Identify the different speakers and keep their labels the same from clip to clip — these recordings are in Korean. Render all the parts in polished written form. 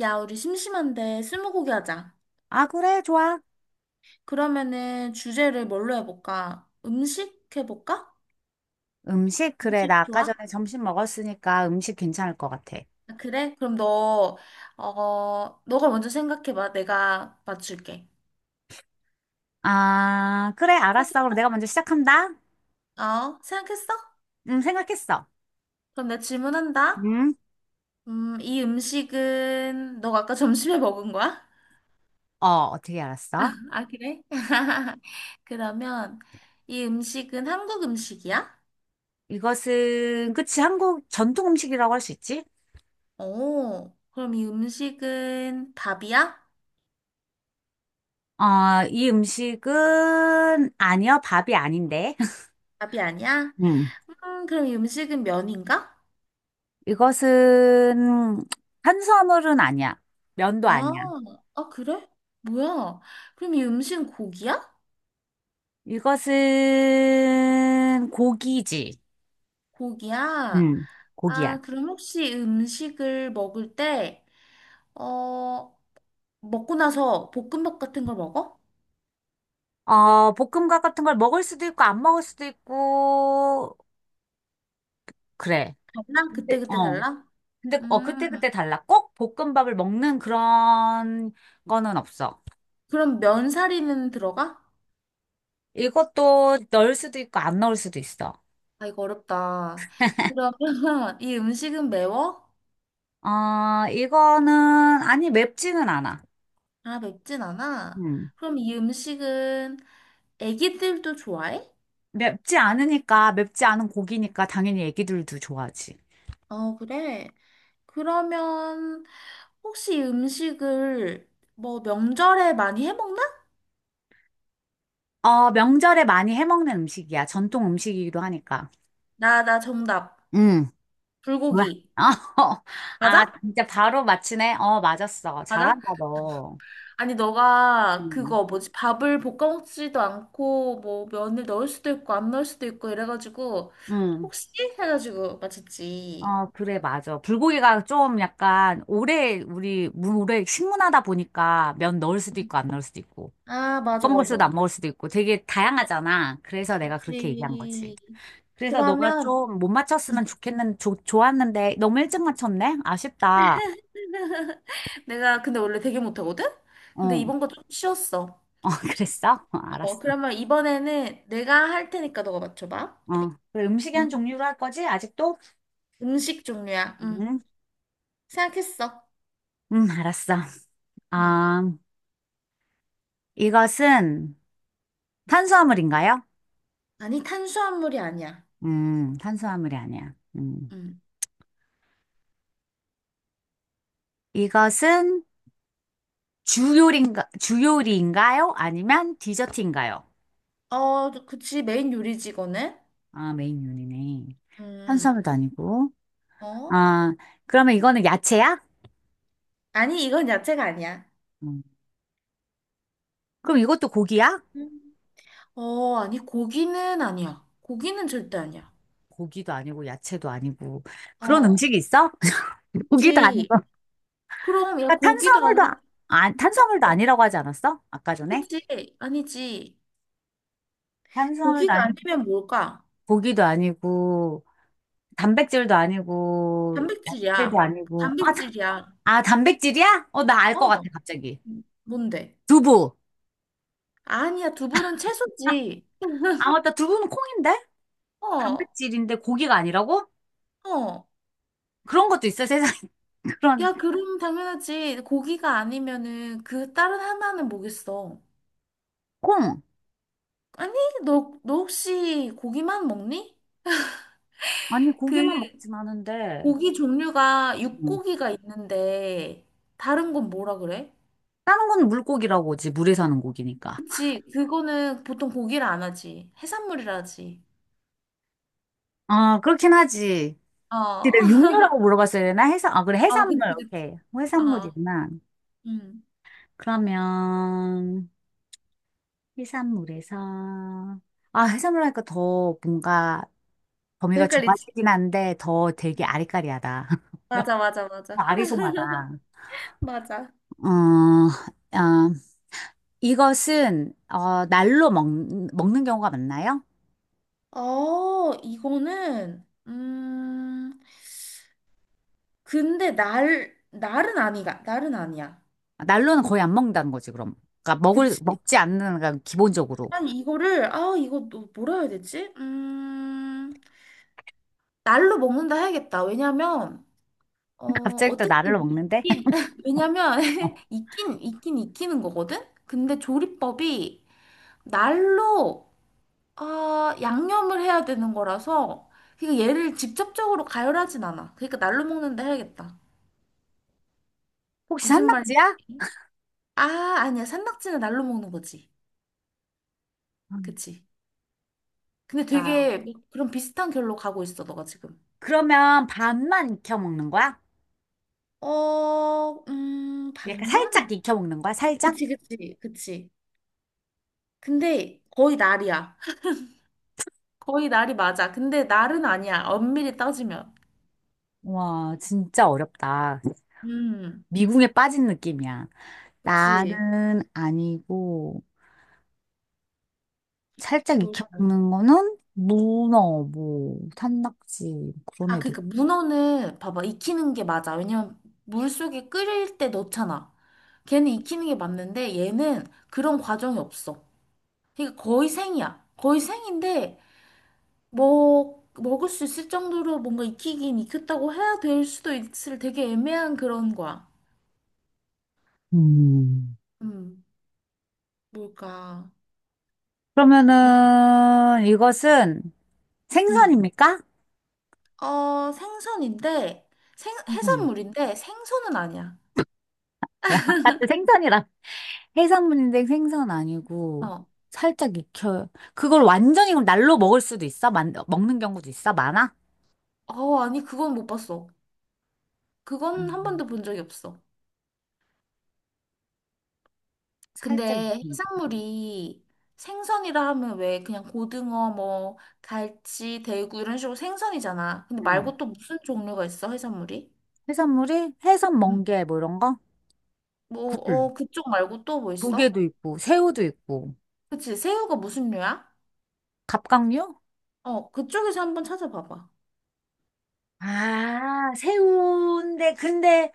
Speaker 1: 야, 우리 심심한데 스무고개 하자.
Speaker 2: 아, 그래, 좋아.
Speaker 1: 그러면은 주제를 뭘로 해볼까? 음식 해볼까?
Speaker 2: 음식, 그래.
Speaker 1: 음식
Speaker 2: 나
Speaker 1: 좋아?
Speaker 2: 아까 전에 점심 먹었으니까 음식 괜찮을 것 같아.
Speaker 1: 아, 그래? 그럼 너, 너가 먼저 생각해봐. 내가 맞출게.
Speaker 2: 아, 그래, 알았어. 그럼
Speaker 1: 생각했어?
Speaker 2: 내가 먼저 시작한다.
Speaker 1: 어, 생각했어?
Speaker 2: 생각했어.
Speaker 1: 그럼 내가 질문한다.
Speaker 2: 음?
Speaker 1: 이 음식은 너가 아까 점심에 먹은 거야?
Speaker 2: 어, 어떻게 알았어?
Speaker 1: 아, 그래? 그러면 이 음식은 한국 음식이야?
Speaker 2: 이것은, 그치, 한국 전통 음식이라고 할 수 있지?
Speaker 1: 오, 그럼 이 음식은 밥이야?
Speaker 2: 어, 이 음식은, 아니야, 밥이 아닌데.
Speaker 1: 밥이 아니야?
Speaker 2: 음.
Speaker 1: 그럼 이 음식은 면인가?
Speaker 2: 이것은, 탄수화물은 아니야. 면도
Speaker 1: 아,
Speaker 2: 아니야.
Speaker 1: 그래? 뭐야? 그럼 이 음식은 고기야?
Speaker 2: 이것은, 고기지.
Speaker 1: 고기야?
Speaker 2: 음, 고기야.
Speaker 1: 아, 그럼 혹시 음식을 먹을 때, 어, 먹고 나서 볶음밥 같은 걸 먹어?
Speaker 2: 어, 볶음밥 같은 걸 먹을 수도 있고, 안 먹을 수도 있고, 그래.
Speaker 1: 달라?
Speaker 2: 근데
Speaker 1: 그때그때
Speaker 2: 어.
Speaker 1: 달라?
Speaker 2: 근데,
Speaker 1: 음,
Speaker 2: 그때그때 달라. 꼭 볶음밥을 먹는 그런 거는 없어.
Speaker 1: 그럼 면사리는 들어가?
Speaker 2: 이것도 넣을 수도 있고, 안 넣을 수도 있어.
Speaker 1: 아, 이거 어렵다. 그러면 이 음식은 매워?
Speaker 2: 어, 이거는, 아니, 맵지는 않아.
Speaker 1: 아, 맵진 않아?
Speaker 2: 음.
Speaker 1: 그럼 이 음식은 애기들도 좋아해?
Speaker 2: 맵지 않으니까, 맵지 않은 고기니까, 당연히 애기들도 좋아하지.
Speaker 1: 어, 그래. 그러면 혹시 음식을 뭐 명절에 많이 해 먹나?
Speaker 2: 어, 명절에 많이 해먹는 음식이야. 전통 음식이기도 하니까.
Speaker 1: 나 정답.
Speaker 2: 음. 뭐야?
Speaker 1: 불고기.
Speaker 2: 어, 아,
Speaker 1: 맞아?
Speaker 2: 진짜 바로 맞히네? 어, 맞았어.
Speaker 1: 맞아?
Speaker 2: 잘한다, 너.
Speaker 1: 아니, 너가
Speaker 2: 응.
Speaker 1: 그거 뭐지? 밥을 볶아 먹지도 않고 뭐 면을 넣을 수도 있고 안 넣을 수도 있고 이래가지고
Speaker 2: 응.
Speaker 1: 혹시? 해가지고 맞췄지.
Speaker 2: 어, 그래, 맞아. 불고기가 좀 약간 오래, 우리, 물 오래 식문화다 보니까 면 넣을 수도 있고, 안 넣을 수도 있고,
Speaker 1: 아, 맞아,
Speaker 2: 꺼먹을 수도
Speaker 1: 맞아.
Speaker 2: 안 먹을 수도 있고, 되게 다양하잖아. 그래서 내가 그렇게 얘기한 거지.
Speaker 1: 그치.
Speaker 2: 그래서 너가
Speaker 1: 그러면
Speaker 2: 좀 못 맞췄으면 좋았는데, 너무 일찍 맞췄네? 아쉽다.
Speaker 1: 내가 근데 원래 되게 못하거든? 근데
Speaker 2: 어,
Speaker 1: 이번 거 좀 쉬웠어.
Speaker 2: 어, 그랬어? 어,
Speaker 1: 어,
Speaker 2: 알았어.
Speaker 1: 그러면 이번에는 내가 할 테니까 너가 맞춰봐.
Speaker 2: 어. 그래, 음식이
Speaker 1: 음,
Speaker 2: 한 종류로 할 거지? 아직도?
Speaker 1: 음식 종류야.
Speaker 2: 음.
Speaker 1: 생각했어.
Speaker 2: 알았어.
Speaker 1: 음.
Speaker 2: 아, 이것은 탄수화물인가요?
Speaker 1: 아니, 탄수화물이 아니야.
Speaker 2: 탄수화물이 아니야. 음.
Speaker 1: 음.
Speaker 2: 이것은 주요리인가요? 아니면 디저트인가요?
Speaker 1: 어, 그치. 메인 요리지, 이거는.
Speaker 2: 아, 메인 요리네.
Speaker 1: 음,
Speaker 2: 탄수화물도 아니고.
Speaker 1: 어?
Speaker 2: 아, 그러면 이거는 야채야?
Speaker 1: 아니, 이건 야채가 아니야.
Speaker 2: 음. 그럼 이것도 고기야?
Speaker 1: 음. 아니, 고기는 아니야. 고기는 절대 아니야.
Speaker 2: 고기도 아니고 야채도 아니고 그런
Speaker 1: 어,
Speaker 2: 음식이 있어? 고기도
Speaker 1: 그치.
Speaker 2: 아니고
Speaker 1: 그럼, 야,
Speaker 2: 그러니까
Speaker 1: 고기도 아니,
Speaker 2: 아,
Speaker 1: 어,
Speaker 2: 탄수화물도 아니라고 하지 않았어? 아까 전에?
Speaker 1: 그치. 아니지.
Speaker 2: 탄수화물도
Speaker 1: 고기가
Speaker 2: 아니고
Speaker 1: 아니면 뭘까?
Speaker 2: 고기도 아니고 단백질도 아니고
Speaker 1: 단백질이야.
Speaker 2: 야채도 아니고
Speaker 1: 단백질이야.
Speaker 2: 아, 단백질이야? 어, 나 알 것 같아,
Speaker 1: 어.
Speaker 2: 갑자기.
Speaker 1: 뭔데?
Speaker 2: 두부.
Speaker 1: 아니야, 두부는
Speaker 2: 아,
Speaker 1: 채소지.
Speaker 2: 아, 맞다, 두부는 콩인데
Speaker 1: 어,
Speaker 2: 단백질인데 고기가 아니라고?
Speaker 1: 어.
Speaker 2: 그런 것도 있어, 세상에. 그런
Speaker 1: 야, 그럼 당연하지. 고기가 아니면은 그 다른 하나는 뭐겠어?
Speaker 2: 콩.
Speaker 1: 아니, 너 혹시 고기만 먹니?
Speaker 2: 아니,
Speaker 1: 그
Speaker 2: 고기만 먹진 않은데.
Speaker 1: 고기 종류가
Speaker 2: 응.
Speaker 1: 육고기가 있는데 다른 건 뭐라 그래?
Speaker 2: 다른 건 물고기라고, 지 물에 사는 고기니까.
Speaker 1: 그치, 그거는 보통 고기를 안 하지. 해산물이라 하지.
Speaker 2: 아, 그렇긴 하지.
Speaker 1: 어,
Speaker 2: 근데 내가 육류라고 물어봤어야 되나? 해산 아, 그래,
Speaker 1: 어,
Speaker 2: 해산물.
Speaker 1: 그치, 그치.
Speaker 2: 오케이.
Speaker 1: 어,
Speaker 2: 해산물이구나.
Speaker 1: 음.
Speaker 2: 그러면 해산물에서, 아, 해산물 하니까 더 뭔가
Speaker 1: 더
Speaker 2: 범위가
Speaker 1: 헷갈리지?
Speaker 2: 좁아지긴 한데 더 되게 아리까리하다.
Speaker 1: 맞아, 맞아,
Speaker 2: 더
Speaker 1: 맞아.
Speaker 2: 아리송하다.
Speaker 1: 맞아.
Speaker 2: 어, 아, 이것은 날로 먹는 경우가 많나요?
Speaker 1: 이거는, 근데 날은 날은 아니야.
Speaker 2: 날로는 거의 안 먹는다는 거지, 그럼. 그러니까 먹을
Speaker 1: 그치?
Speaker 2: 먹지 않는, 그 기본적으로.
Speaker 1: 아니, 이거를, 아, 이거 또 뭐라 해야 되지? 날로 먹는다 해야겠다. 왜냐면, 어,
Speaker 2: 갑자기 또
Speaker 1: 어쨌든,
Speaker 2: 날로 먹는데?
Speaker 1: 왜냐면,
Speaker 2: 어.
Speaker 1: 익긴 익히는 거거든? 근데 조리법이 날로, 아, 양념을 해야 되는 거라서, 그러니까 얘를 직접적으로 가열하진 않아. 그러니까 날로 먹는다 해야겠다.
Speaker 2: 혹시
Speaker 1: 무슨 말인지.
Speaker 2: 산낙지야?
Speaker 1: 아, 아니야. 산낙지는 날로 먹는 거지.
Speaker 2: 음.
Speaker 1: 그치? 근데
Speaker 2: 아,
Speaker 1: 되게 네. 그런 비슷한 결로 가고 있어, 너가 지금.
Speaker 2: 그러면 반만 익혀 먹는 거야?
Speaker 1: 어,
Speaker 2: 약간 살짝
Speaker 1: 반만?
Speaker 2: 익혀 먹는 거야? 살짝?
Speaker 1: 그치, 그치, 그치. 근데 거의 날이야. 거의 날이 맞아. 근데 날은 아니야. 엄밀히 따지면.
Speaker 2: 와, 진짜 어렵다.
Speaker 1: 음,
Speaker 2: 미궁에 빠진 느낌이야.
Speaker 1: 그치.
Speaker 2: 날은 아니고 살짝
Speaker 1: 뭘
Speaker 2: 익혀먹는 거는 문어, 뭐 산낙지 뭐 그런
Speaker 1: 아,
Speaker 2: 애들.
Speaker 1: 그니까 문어는 봐봐. 익히는 게 맞아. 왜냐면 물속에 끓일 때 넣잖아. 걔는 익히는 게 맞는데 얘는 그런 과정이 없어. 그러니까 거의 생이야. 거의 생인데 먹을 수 있을 정도로 뭔가 익히긴 익혔다고 해야 될 수도 있을 되게 애매한 그런 거야.
Speaker 2: 음.
Speaker 1: 음, 뭘까? 노-
Speaker 2: 그러면은 이것은
Speaker 1: 음,
Speaker 2: 생선입니까?
Speaker 1: 어, 생선인데,
Speaker 2: 생선.
Speaker 1: 해산물인데 생선은 아니야.
Speaker 2: 왜 아까 또 생선이라. 해산물인데 생선 아니고
Speaker 1: 어,
Speaker 2: 살짝 익혀. 그걸 완전히 그럼 날로 먹을 수도 있어? 먹는 경우도 있어? 많아?
Speaker 1: 아니, 그건 못 봤어. 그건 한
Speaker 2: 음,
Speaker 1: 번도 본 적이 없어.
Speaker 2: 살짝
Speaker 1: 근데
Speaker 2: 익힌
Speaker 1: 해산물이 생선이라 하면 왜 그냥 고등어, 뭐, 갈치, 대구 이런 식으로 생선이잖아. 근데
Speaker 2: 거. 음.
Speaker 1: 말고 또 무슨 종류가 있어, 해산물이?
Speaker 2: 해산물이 해산
Speaker 1: 응.
Speaker 2: 멍게 뭐 이런 거?
Speaker 1: 뭐,
Speaker 2: 굴.
Speaker 1: 어, 그쪽 말고 또 뭐 있어?
Speaker 2: 조개도 있고, 새우도 있고.
Speaker 1: 그치, 새우가 무슨 류야?
Speaker 2: 갑각류?
Speaker 1: 어, 그쪽에서 한번 찾아봐봐.
Speaker 2: 아, 새우인데, 근데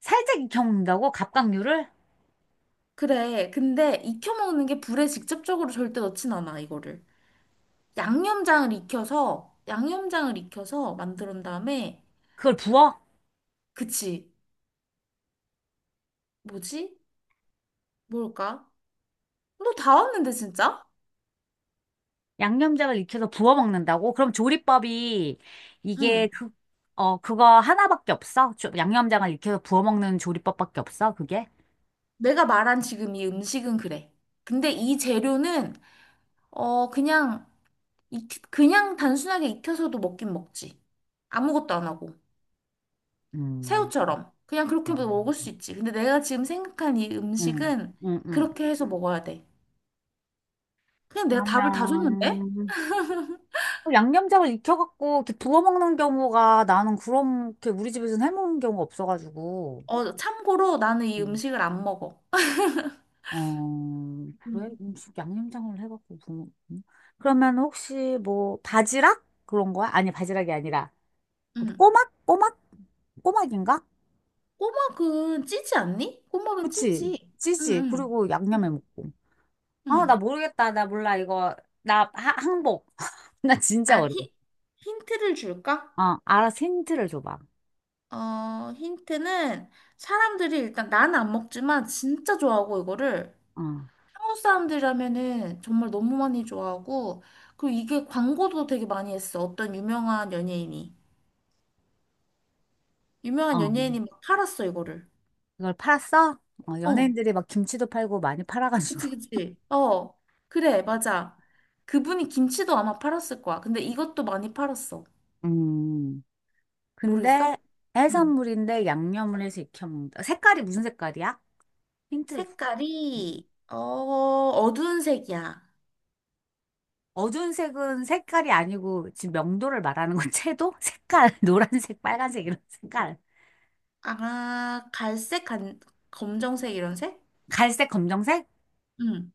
Speaker 2: 살짝 익혀 먹는다고? 갑각류를?
Speaker 1: 그래, 근데 익혀 먹는 게 불에 직접적으로 절대 넣진 않아, 이거를. 양념장을 익혀서, 양념장을 익혀서 만든 다음에,
Speaker 2: 그걸 부어?
Speaker 1: 그치, 뭐지? 뭘까? 너 다 왔는데, 진짜?
Speaker 2: 양념장을 익혀서 부어 먹는다고? 그럼 조리법이
Speaker 1: 응.
Speaker 2: 이게 그거 하나밖에 없어? 양념장을 익혀서 부어 먹는 조리법밖에 없어? 그게?
Speaker 1: 내가 말한 지금 이 음식은 그래. 근데 이 재료는, 어, 그냥, 그냥 단순하게 익혀서도 먹긴 먹지. 아무것도 안 하고.
Speaker 2: 음,
Speaker 1: 새우처럼. 그냥 그렇게 먹을
Speaker 2: 음,
Speaker 1: 수 있지. 근데 내가 지금 생각한 이
Speaker 2: 음,
Speaker 1: 음식은
Speaker 2: 음.
Speaker 1: 그렇게 해서 먹어야 돼. 그냥 내가 답을 다 줬는데?
Speaker 2: 그러면, 또 양념장을 익혀갖고 이렇게 부어 먹는 경우가, 나는 그렇게 우리 집에서는 해먹는 경우가 없어가지고.
Speaker 1: 어, 참고로 나는 이 음식을 안 먹어.
Speaker 2: 어, 그래?
Speaker 1: 응,
Speaker 2: 음식 양념장을 해갖고 부 음? 그러면 혹시 뭐 바지락? 그런 거야? 아니, 바지락이 아니라 그
Speaker 1: 응.
Speaker 2: 꼬막? 꼬막? 꼬막인가?
Speaker 1: 꼬막은 찌지 않니? 꼬막은
Speaker 2: 그치?
Speaker 1: 찌지. 응,
Speaker 2: 찌지.
Speaker 1: 응.
Speaker 2: 그리고 양념에
Speaker 1: 응,
Speaker 2: 먹고. 아, 나
Speaker 1: 응.
Speaker 2: 모르겠다. 나 몰라, 이거. 나 항복. 나 진짜
Speaker 1: 아,
Speaker 2: 어려워.
Speaker 1: 히, 힌트를 줄까?
Speaker 2: 어, 알아서 힌트를 줘봐.
Speaker 1: 어, 힌트는 사람들이 일단 나는 안 먹지만 진짜 좋아하고 이거를
Speaker 2: 어,
Speaker 1: 한국 사람들이라면은 정말 너무 많이 좋아하고, 그리고 이게 광고도 되게 많이 했어. 어떤 유명한 연예인이. 유명한
Speaker 2: 어.
Speaker 1: 연예인이 막 팔았어, 이거를.
Speaker 2: 이걸 팔았어? 어,
Speaker 1: 어,
Speaker 2: 연예인들이 막 김치도 팔고 많이 팔아가지고.
Speaker 1: 그치, 그치. 어, 그래, 맞아. 그분이 김치도 아마 팔았을 거야. 근데 이것도 많이 팔았어.
Speaker 2: 음.
Speaker 1: 모르겠어?
Speaker 2: 근데
Speaker 1: 응.
Speaker 2: 해산물인데 양념을 해서 익혀 먹는다. 색깔이 무슨 색깔이야? 힌트.
Speaker 1: 색깔이, 어, 어두운 색이야.
Speaker 2: 어두운 색은 색깔이 아니고, 지금 명도를 말하는 건, 채도? 색깔. 노란색, 빨간색 이런 색깔.
Speaker 1: 아, 갈색, 간, 검정색 이런 색?
Speaker 2: 갈색, 검정색?
Speaker 1: 응.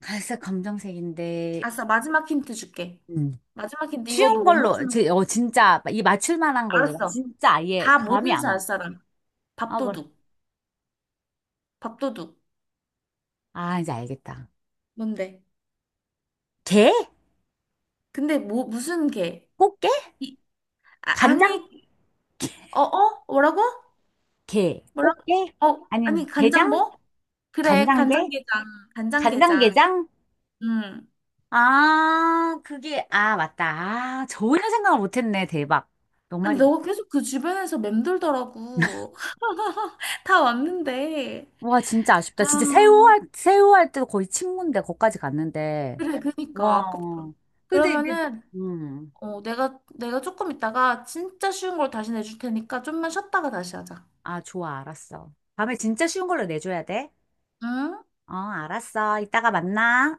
Speaker 2: 갈색, 검정색인데.
Speaker 1: 알았어, 마지막 힌트 줄게.
Speaker 2: 음.
Speaker 1: 마지막 힌트 이거 너
Speaker 2: 쉬운
Speaker 1: 못
Speaker 2: 걸로
Speaker 1: 맞추는 거
Speaker 2: 진짜 이 맞출 만한 걸로. 나
Speaker 1: 알았어.
Speaker 2: 진짜 아예
Speaker 1: 다
Speaker 2: 감이
Speaker 1: 모든
Speaker 2: 안
Speaker 1: 살
Speaker 2: 와.
Speaker 1: 사람.
Speaker 2: 아, 뭘.
Speaker 1: 밥도둑. 밥도둑.
Speaker 2: 아, 이제 알겠다.
Speaker 1: 뭔데?
Speaker 2: 게?
Speaker 1: 근데 뭐 무슨 개?
Speaker 2: 꽃게?
Speaker 1: 이, 아,
Speaker 2: 간장?
Speaker 1: 아니 어 어? 뭐라고?
Speaker 2: 게.
Speaker 1: 뭐라고?
Speaker 2: 꽃게?
Speaker 1: 어
Speaker 2: 아니면
Speaker 1: 아니 간장
Speaker 2: 게장?
Speaker 1: 뭐? 그래
Speaker 2: 간장게?
Speaker 1: 간장게장 간장게장.
Speaker 2: 간장게장?
Speaker 1: 음.
Speaker 2: 아, 그게, 아, 맞다. 아, 전혀 생각을 못 했네. 대박. 너
Speaker 1: 아니
Speaker 2: 말이.
Speaker 1: 너가 계속 그 주변에서 맴돌더라고. 다 왔는데.
Speaker 2: 와, 진짜 아쉽다.
Speaker 1: 아
Speaker 2: 진짜 새우 할 때도 거의 친구인데, 거기까지 갔는데.
Speaker 1: 그래 그니까
Speaker 2: 와.
Speaker 1: 아깝다.
Speaker 2: 근데 이제,
Speaker 1: 그러면은
Speaker 2: 음.
Speaker 1: 어 내가 조금 있다가 진짜 쉬운 걸 다시 내줄 테니까 좀만 쉬었다가 다시 하자.
Speaker 2: 아, 좋아, 알았어. 다음에 진짜 쉬운 걸로 내줘야 돼?
Speaker 1: 응?
Speaker 2: 어, 알았어. 이따가 만나.